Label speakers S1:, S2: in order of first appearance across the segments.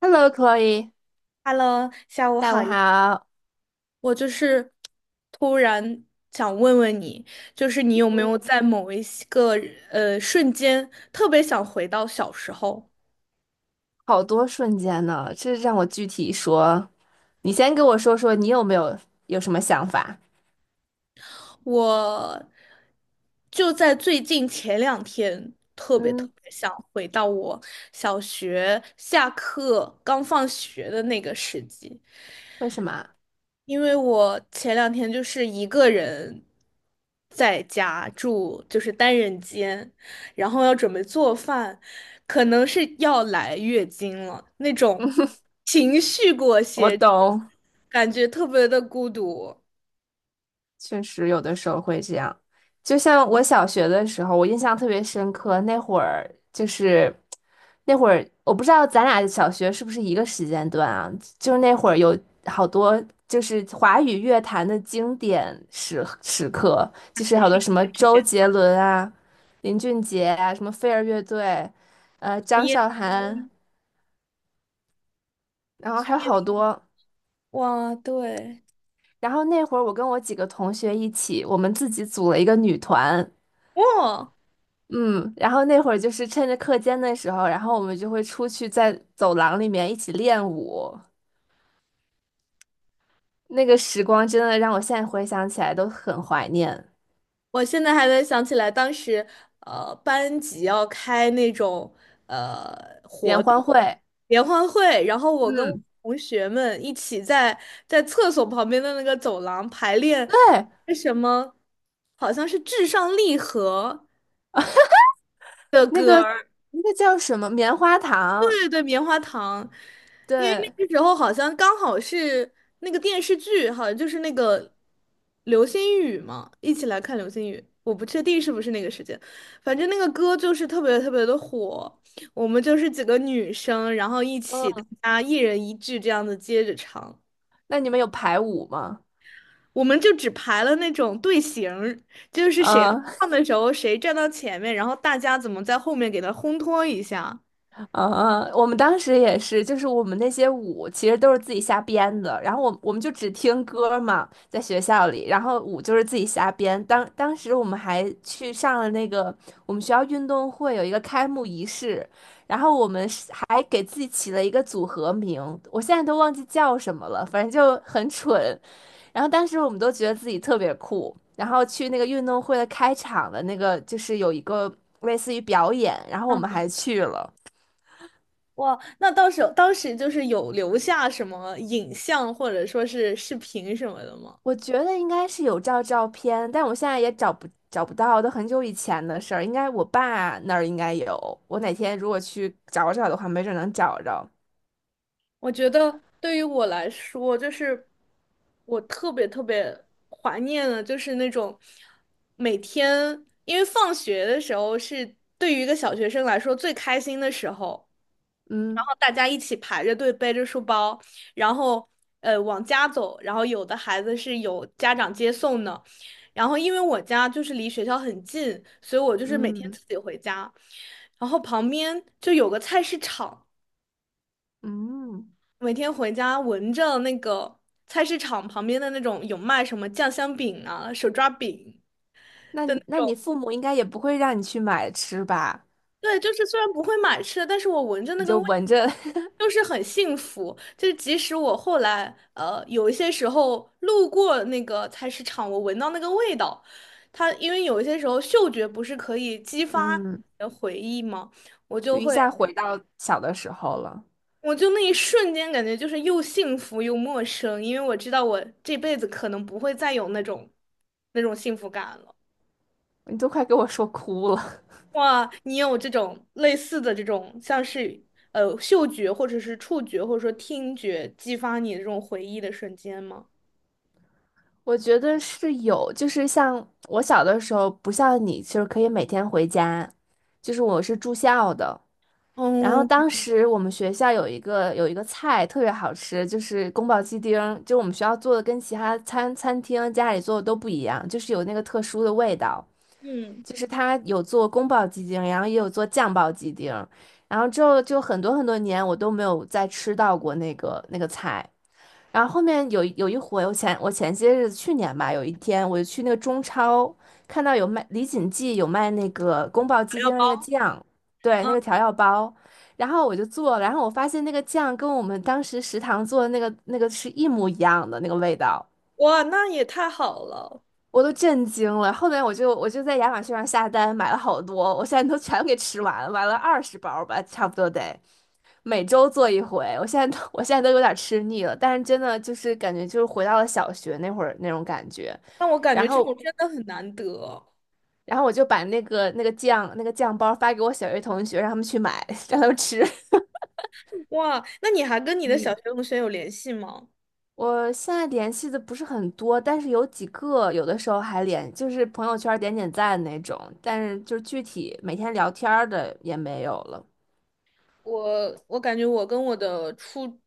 S1: Hello, Chloe，
S2: Hello,下午
S1: 下
S2: 好
S1: 午
S2: 呀。
S1: 好。
S2: 我就是突然想问问你，就是你有没有在某一些个瞬间特别想回到小时候？
S1: 好多瞬间呢，这让我具体说。你先跟我说说，你有没有什么想法？
S2: 我就在最近前两天，特别特
S1: 嗯，
S2: 别想回到我小学下课刚放学的那个时机。
S1: 为什么？
S2: 因为我前两天就是一个人在家住，就是单人间，然后要准备做饭，可能是要来月经了，那种情绪裹
S1: 我
S2: 挟着
S1: 懂。
S2: 感觉特别的孤独。
S1: 确实有的时候会这样。就像我小学的时候，我印象特别深刻，那会儿，我不知道咱俩小学是不是一个时间段啊？就是那会儿有好多就是华语乐坛的经典时刻，就是
S2: 还
S1: 好
S2: 是
S1: 多
S2: 一
S1: 什么
S2: 个时
S1: 周
S2: 间
S1: 杰
S2: 段，
S1: 伦啊、林俊杰啊、什么飞儿乐队，张
S2: 夜
S1: 韶涵，然后
S2: 深
S1: 还有
S2: 夜
S1: 好
S2: 深
S1: 多。
S2: 哇，对，
S1: 然后那会儿我跟我几个同学一起，我们自己组了一个女团。
S2: 哇。
S1: 嗯，然后那会儿就是趁着课间的时候，然后我们就会出去在走廊里面一起练舞。那个时光真的让我现在回想起来都很怀念。
S2: 我现在还能想起来，当时班级要开那种呃活
S1: 联
S2: 动
S1: 欢会，
S2: 联欢会，然后我跟我
S1: 嗯，
S2: 同学们一起在厕所旁边的那个走廊排练
S1: 对，
S2: 那什么，好像是《至上励合》的
S1: 那个
S2: 歌。
S1: 那个叫什么棉花糖，
S2: 对对，棉花糖，因为
S1: 对，
S2: 那个时候好像刚好是那个电视剧，好像就是那个流星雨嘛，一起来看流星雨。我不确定是不是那个时间，反正那个歌就是特别特别的火。我们就是几个女生，然后一起大
S1: 嗯，
S2: 家一人一句这样子接着唱。
S1: 那你们有排舞吗？
S2: 我们就只排了那种队形儿，就是谁
S1: 嗯，
S2: 唱的时候谁站到前面，然后大家怎么在后面给他烘托一下。
S1: 嗯，我们当时也是，就是我们那些舞其实都是自己瞎编的，然后我们就只听歌嘛，在学校里，然后舞就是自己瞎编。当时我们还去上了那个我们学校运动会有一个开幕仪式，然后我们是还给自己起了一个组合名，我现在都忘记叫什么了，反正就很蠢。然后当时我们都觉得自己特别酷，然后去那个运动会的开场的那个，就是有一个类似于表演，然后我们还去了。
S2: 哇，那到时候当时就是有留下什么影像或者说是视频什么的吗？
S1: 我觉得应该是有照照片，但我现在也找不到，都很久以前的事儿。应该我爸那儿应该有，我哪天如果去找找的话，没准能找着。
S2: 我觉得对于我来说，就是我特别特别怀念的，就是那种每天，因为放学的时候是对于一个小学生来说最开心的时候。
S1: 嗯
S2: 大家一起排着队背着书包，然后往家走，然后有的孩子是有家长接送的，然后因为我家就是离学校很近，所以我就是每天
S1: 嗯
S2: 自己回家，然后旁边就有个菜市场，
S1: 嗯，
S2: 每天回家闻着那个菜市场旁边的那种有卖什么酱香饼啊、手抓饼。
S1: 那你父母应该也不会让你去买吃吧？
S2: 对，就是虽然不会买吃的，但是我闻着那
S1: 你
S2: 个
S1: 就
S2: 味，
S1: 闻着，
S2: 就是很幸福。就是即使我后来有一些时候路过那个菜市场，我闻到那个味道，它因为有一些时候嗅觉不是可以激发你
S1: 嗯，
S2: 的回忆吗？我
S1: 就
S2: 就
S1: 一
S2: 会，
S1: 下回到小的时候了。
S2: 我就那一瞬间感觉就是又幸福又陌生，因为我知道我这辈子可能不会再有那种那种幸福感了。
S1: 你都快给我说哭了。
S2: 哇，你有这种类似的这种，像是嗅觉或者是触觉或者说听觉激发你的这种回忆的瞬间吗？
S1: 我觉得是有，就是像我小的时候，不像你，就是可以每天回家，就是我是住校的。然后
S2: 嗯
S1: 当时我们学校有一个菜特别好吃，就是宫保鸡丁儿，就我们学校做的跟其他餐厅家里做的都不一样，就是有那个特殊的味道，
S2: 嗯，
S1: 就是它有做宫保鸡丁，然后也有做酱爆鸡丁，然后之后就很多很多年我都没有再吃到过那个菜。然后后面有一回，我前些日子去年吧，有一天我就去那个中超，看到有卖李锦记有卖那个宫保鸡
S2: 材料
S1: 丁的那个
S2: 包。
S1: 酱，对，那个调料包，然后我就做了然后我发现那个酱跟我们当时食堂做的那个是一模一样的那个味道，
S2: 哇，那也太好了。
S1: 我都震惊了。后面我就在亚马逊上下单买了好多，我现在都全给吃完了，买了20包吧，差不多得每周做一回。我现在都有点吃腻了，但是真的就是感觉就是回到了小学那会儿那种感觉。
S2: 那我感
S1: 然
S2: 觉这
S1: 后
S2: 种真的很难得。
S1: 然后我就把那个酱包发给我小学同学，让他们去买，让他们吃。
S2: 哇，那你还跟你的小学同学有联系吗？
S1: 我现在联系的不是很多，但是有几个，有的时候还联，就是朋友圈儿点点赞那种，但是就是具体每天聊天儿的也没有了。
S2: 我感觉我跟我的初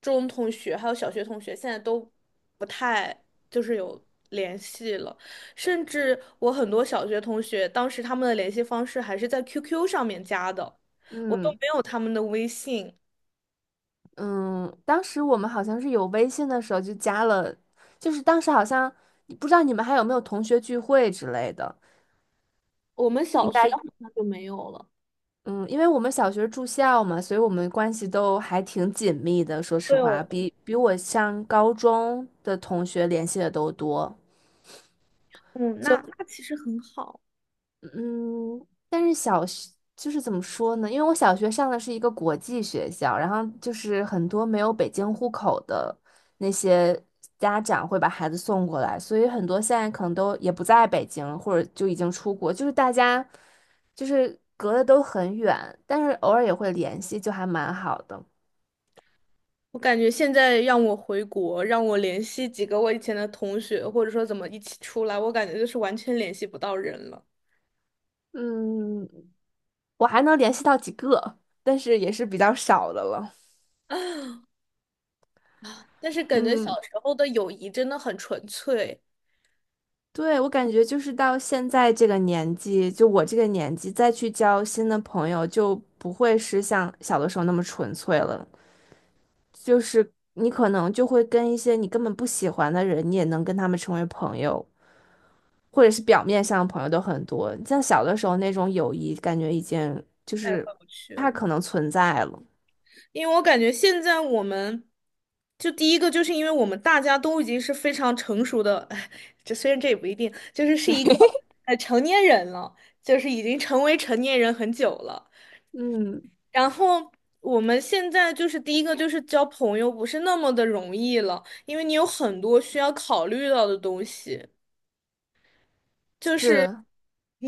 S2: 中同学还有小学同学现在都不太就是有联系了，甚至我很多小学同学当时他们的联系方式还是在 QQ 上面加的，我都
S1: 嗯
S2: 没有他们的微信。
S1: 嗯，当时我们好像是有微信的时候就加了，就是当时好像不知道你们还有没有同学聚会之类的，
S2: 我们小
S1: 应
S2: 学
S1: 该
S2: 好像就没有了。
S1: 嗯，因为我们小学住校嘛，所以我们关系都还挺紧密的，说实
S2: 对
S1: 话，
S2: 哦，
S1: 比我上高中的同学联系的都多。
S2: 嗯，那那其实很好。
S1: 嗯，但是小学就是怎么说呢？因为我小学上的是一个国际学校，然后就是很多没有北京户口的那些家长会把孩子送过来，所以很多现在可能都也不在北京，或者就已经出国，就是大家就是隔得都很远，但是偶尔也会联系，就还蛮好的。
S2: 我感觉现在让我回国，让我联系几个我以前的同学，或者说怎么一起出来，我感觉就是完全联系不到人了。
S1: 嗯，我还能联系到几个，但是也是比较少的了。
S2: 但是感觉小
S1: 嗯。
S2: 时候的友谊真的很纯粹，
S1: 对，我感觉就是到现在这个年纪，就我这个年纪再去交新的朋友，就不会是像小的时候那么纯粹了。就是你可能就会跟一些你根本不喜欢的人，你也能跟他们成为朋友，或者是表面上的朋友都很多。像小的时候那种友谊，感觉已经就
S2: 太
S1: 是
S2: 回不去
S1: 不太
S2: 了。
S1: 可能存在了。
S2: 因为我感觉现在我们，就第一个就是因为我们大家都已经是非常成熟的，哎，这虽然这也不一定，就是是一个 成年人了，就是已经成为成年人很久了。
S1: 嗯，
S2: 然后我们现在就是第一个就是交朋友不是那么的容易了，因为你有很多需要考虑到的东西，就是
S1: 是，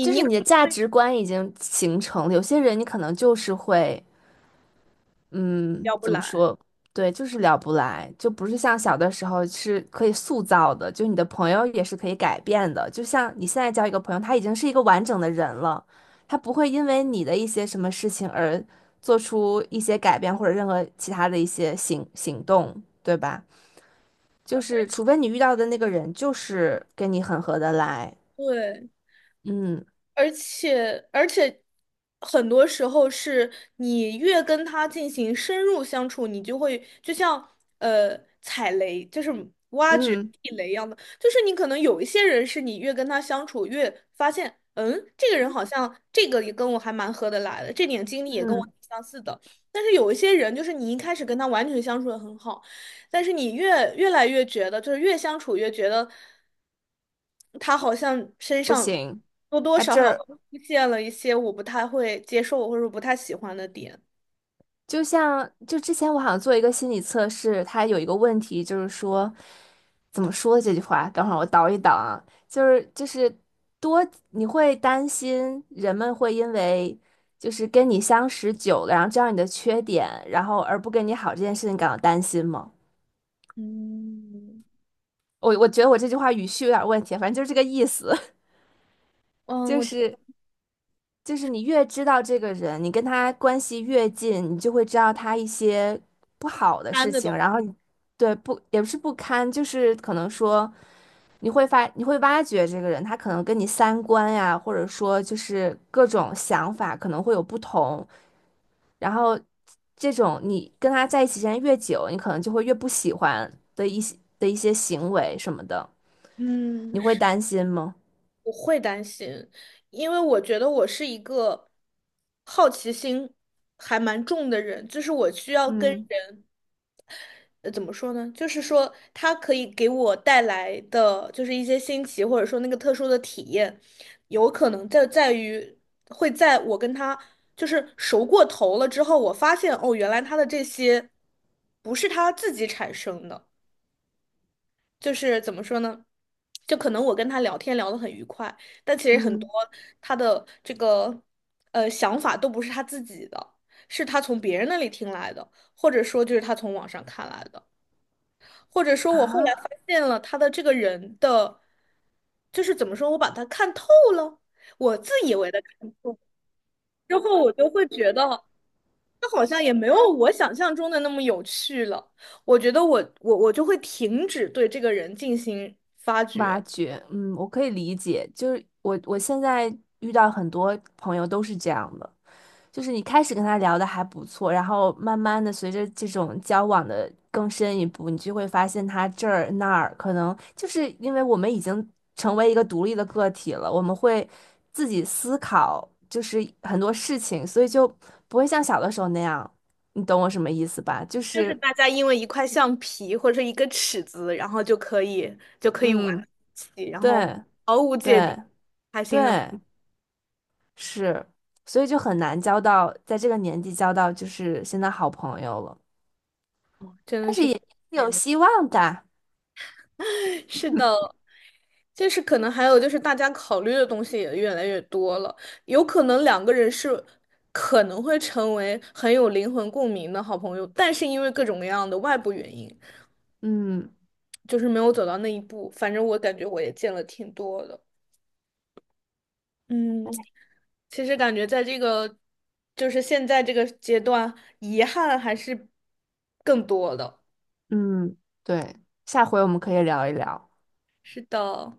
S1: 就是你的价值观已经形成了。有些人你可能就是会。嗯，
S2: 聊不
S1: 怎么
S2: 来。
S1: 说？对，就是聊不来，就不是像小的时候是可以塑造的，就你的朋友也是可以改变的。就像你现在交一个朋友，他已经是一个完整的人了，他不会因为你的一些什么事情而做出一些改变或者任何其他的一些行动，对吧？就是除非你遇到的那个人就是跟你很合得来，
S2: 对。
S1: 嗯
S2: 而且很多时候是你越跟他进行深入相处，你就会就像踩雷，就是挖掘
S1: 嗯
S2: 地雷一样的，就是你可能有一些人是你越跟他相处越发现，嗯，这个人好像这个也跟我还蛮合得来的，这点经历也跟我
S1: 嗯，
S2: 挺相似的。但是有一些人，就是你一开始跟他完全相处的很好，但是你越来越觉得，就是越相处越觉得他好像身
S1: 不
S2: 上。
S1: 行，
S2: 多多
S1: 他
S2: 少
S1: 这
S2: 少
S1: 儿
S2: 会出现了一些我不太会接受或者不太喜欢的点。
S1: 就之前我好像做一个心理测试，它有一个问题就是说，怎么说这句话？等会儿我倒一倒啊，就是多你会担心人们会因为就是跟你相识久了，然后知道你的缺点，然后而不跟你好这件事情感到担心吗？
S2: 嗯
S1: 我觉得我这句话语序有点问题，反正就是这个意思。
S2: 嗯，
S1: 就
S2: 我觉得
S1: 是就是你越知道这个人，你跟他关系越近，你就会知道他一些不好的
S2: 担
S1: 事
S2: 的东
S1: 情，
S2: 西，
S1: 然后你对不也不是不堪，就是可能说你会挖掘这个人，他可能跟你三观呀，或者说就是各种想法可能会有不同，然后这种你跟他在一起时间越久，你可能就会越不喜欢的一些行为什么的，
S2: 嗯，
S1: 你会
S2: 是
S1: 担心吗？
S2: 我会担心，因为我觉得我是一个好奇心还蛮重的人，就是我需要跟。
S1: 嗯
S2: 人。怎么说呢？就是说，他可以给我带来的，就是一些新奇，或者说那个特殊的体验，有可能在在于会在我跟他就是熟过头了之后，我发现哦，原来他的这些不是他自己产生的，就是怎么说呢？就可能我跟他聊天聊得很愉快，但其实很多
S1: 嗯，
S2: 他的这个想法都不是他自己的，是他从别人那里听来的，或者说就是他从网上看来的。或者说，我后来发
S1: 啊，
S2: 现了他的这个人的，就是怎么说，我把他看透了，我自以为的看透，之后我就会觉得，他好像也没有我想象中的那么有趣了。我觉得我就会停止对这个人进行发
S1: 挖
S2: 掘，
S1: 掘，嗯，我可以理解，就是我现在遇到很多朋友都是这样的，就是你开始跟他聊的还不错，然后慢慢的随着这种交往的更深一步，你就会发现他这儿那儿，可能就是因为我们已经成为一个独立的个体了，我们会自己思考，就是很多事情，所以就不会像小的时候那样，你懂我什么意思吧？就
S2: 就是
S1: 是，
S2: 大家因为一块橡皮或者一个尺子，然后就可以玩到一
S1: 嗯，
S2: 起，然后
S1: 对
S2: 毫无芥蒂，
S1: 对
S2: 开心的，
S1: 对。是，所以就很难交到，在这个年纪交到就是现在好朋友了，
S2: 真的
S1: 但是
S2: 是
S1: 也
S2: 挺
S1: 是
S2: 感
S1: 有
S2: 人的。
S1: 希望的。
S2: 是的。就是可能还有就是大家考虑的东西也越来越多了，有可能两个人是可能会成为很有灵魂共鸣的好朋友，但是因为各种各样的外部原因，
S1: 嗯
S2: 就是没有走到那一步。反正我感觉我也见了挺多的，嗯，其实感觉在这个就是现在这个阶段，遗憾还是更多的。
S1: 嗯，对，下回我们可以聊一聊。
S2: 是的，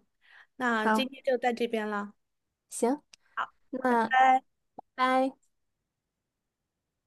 S2: 那今
S1: 好，
S2: 天就到这边啦，
S1: 行，
S2: 拜
S1: 那
S2: 拜。
S1: 拜。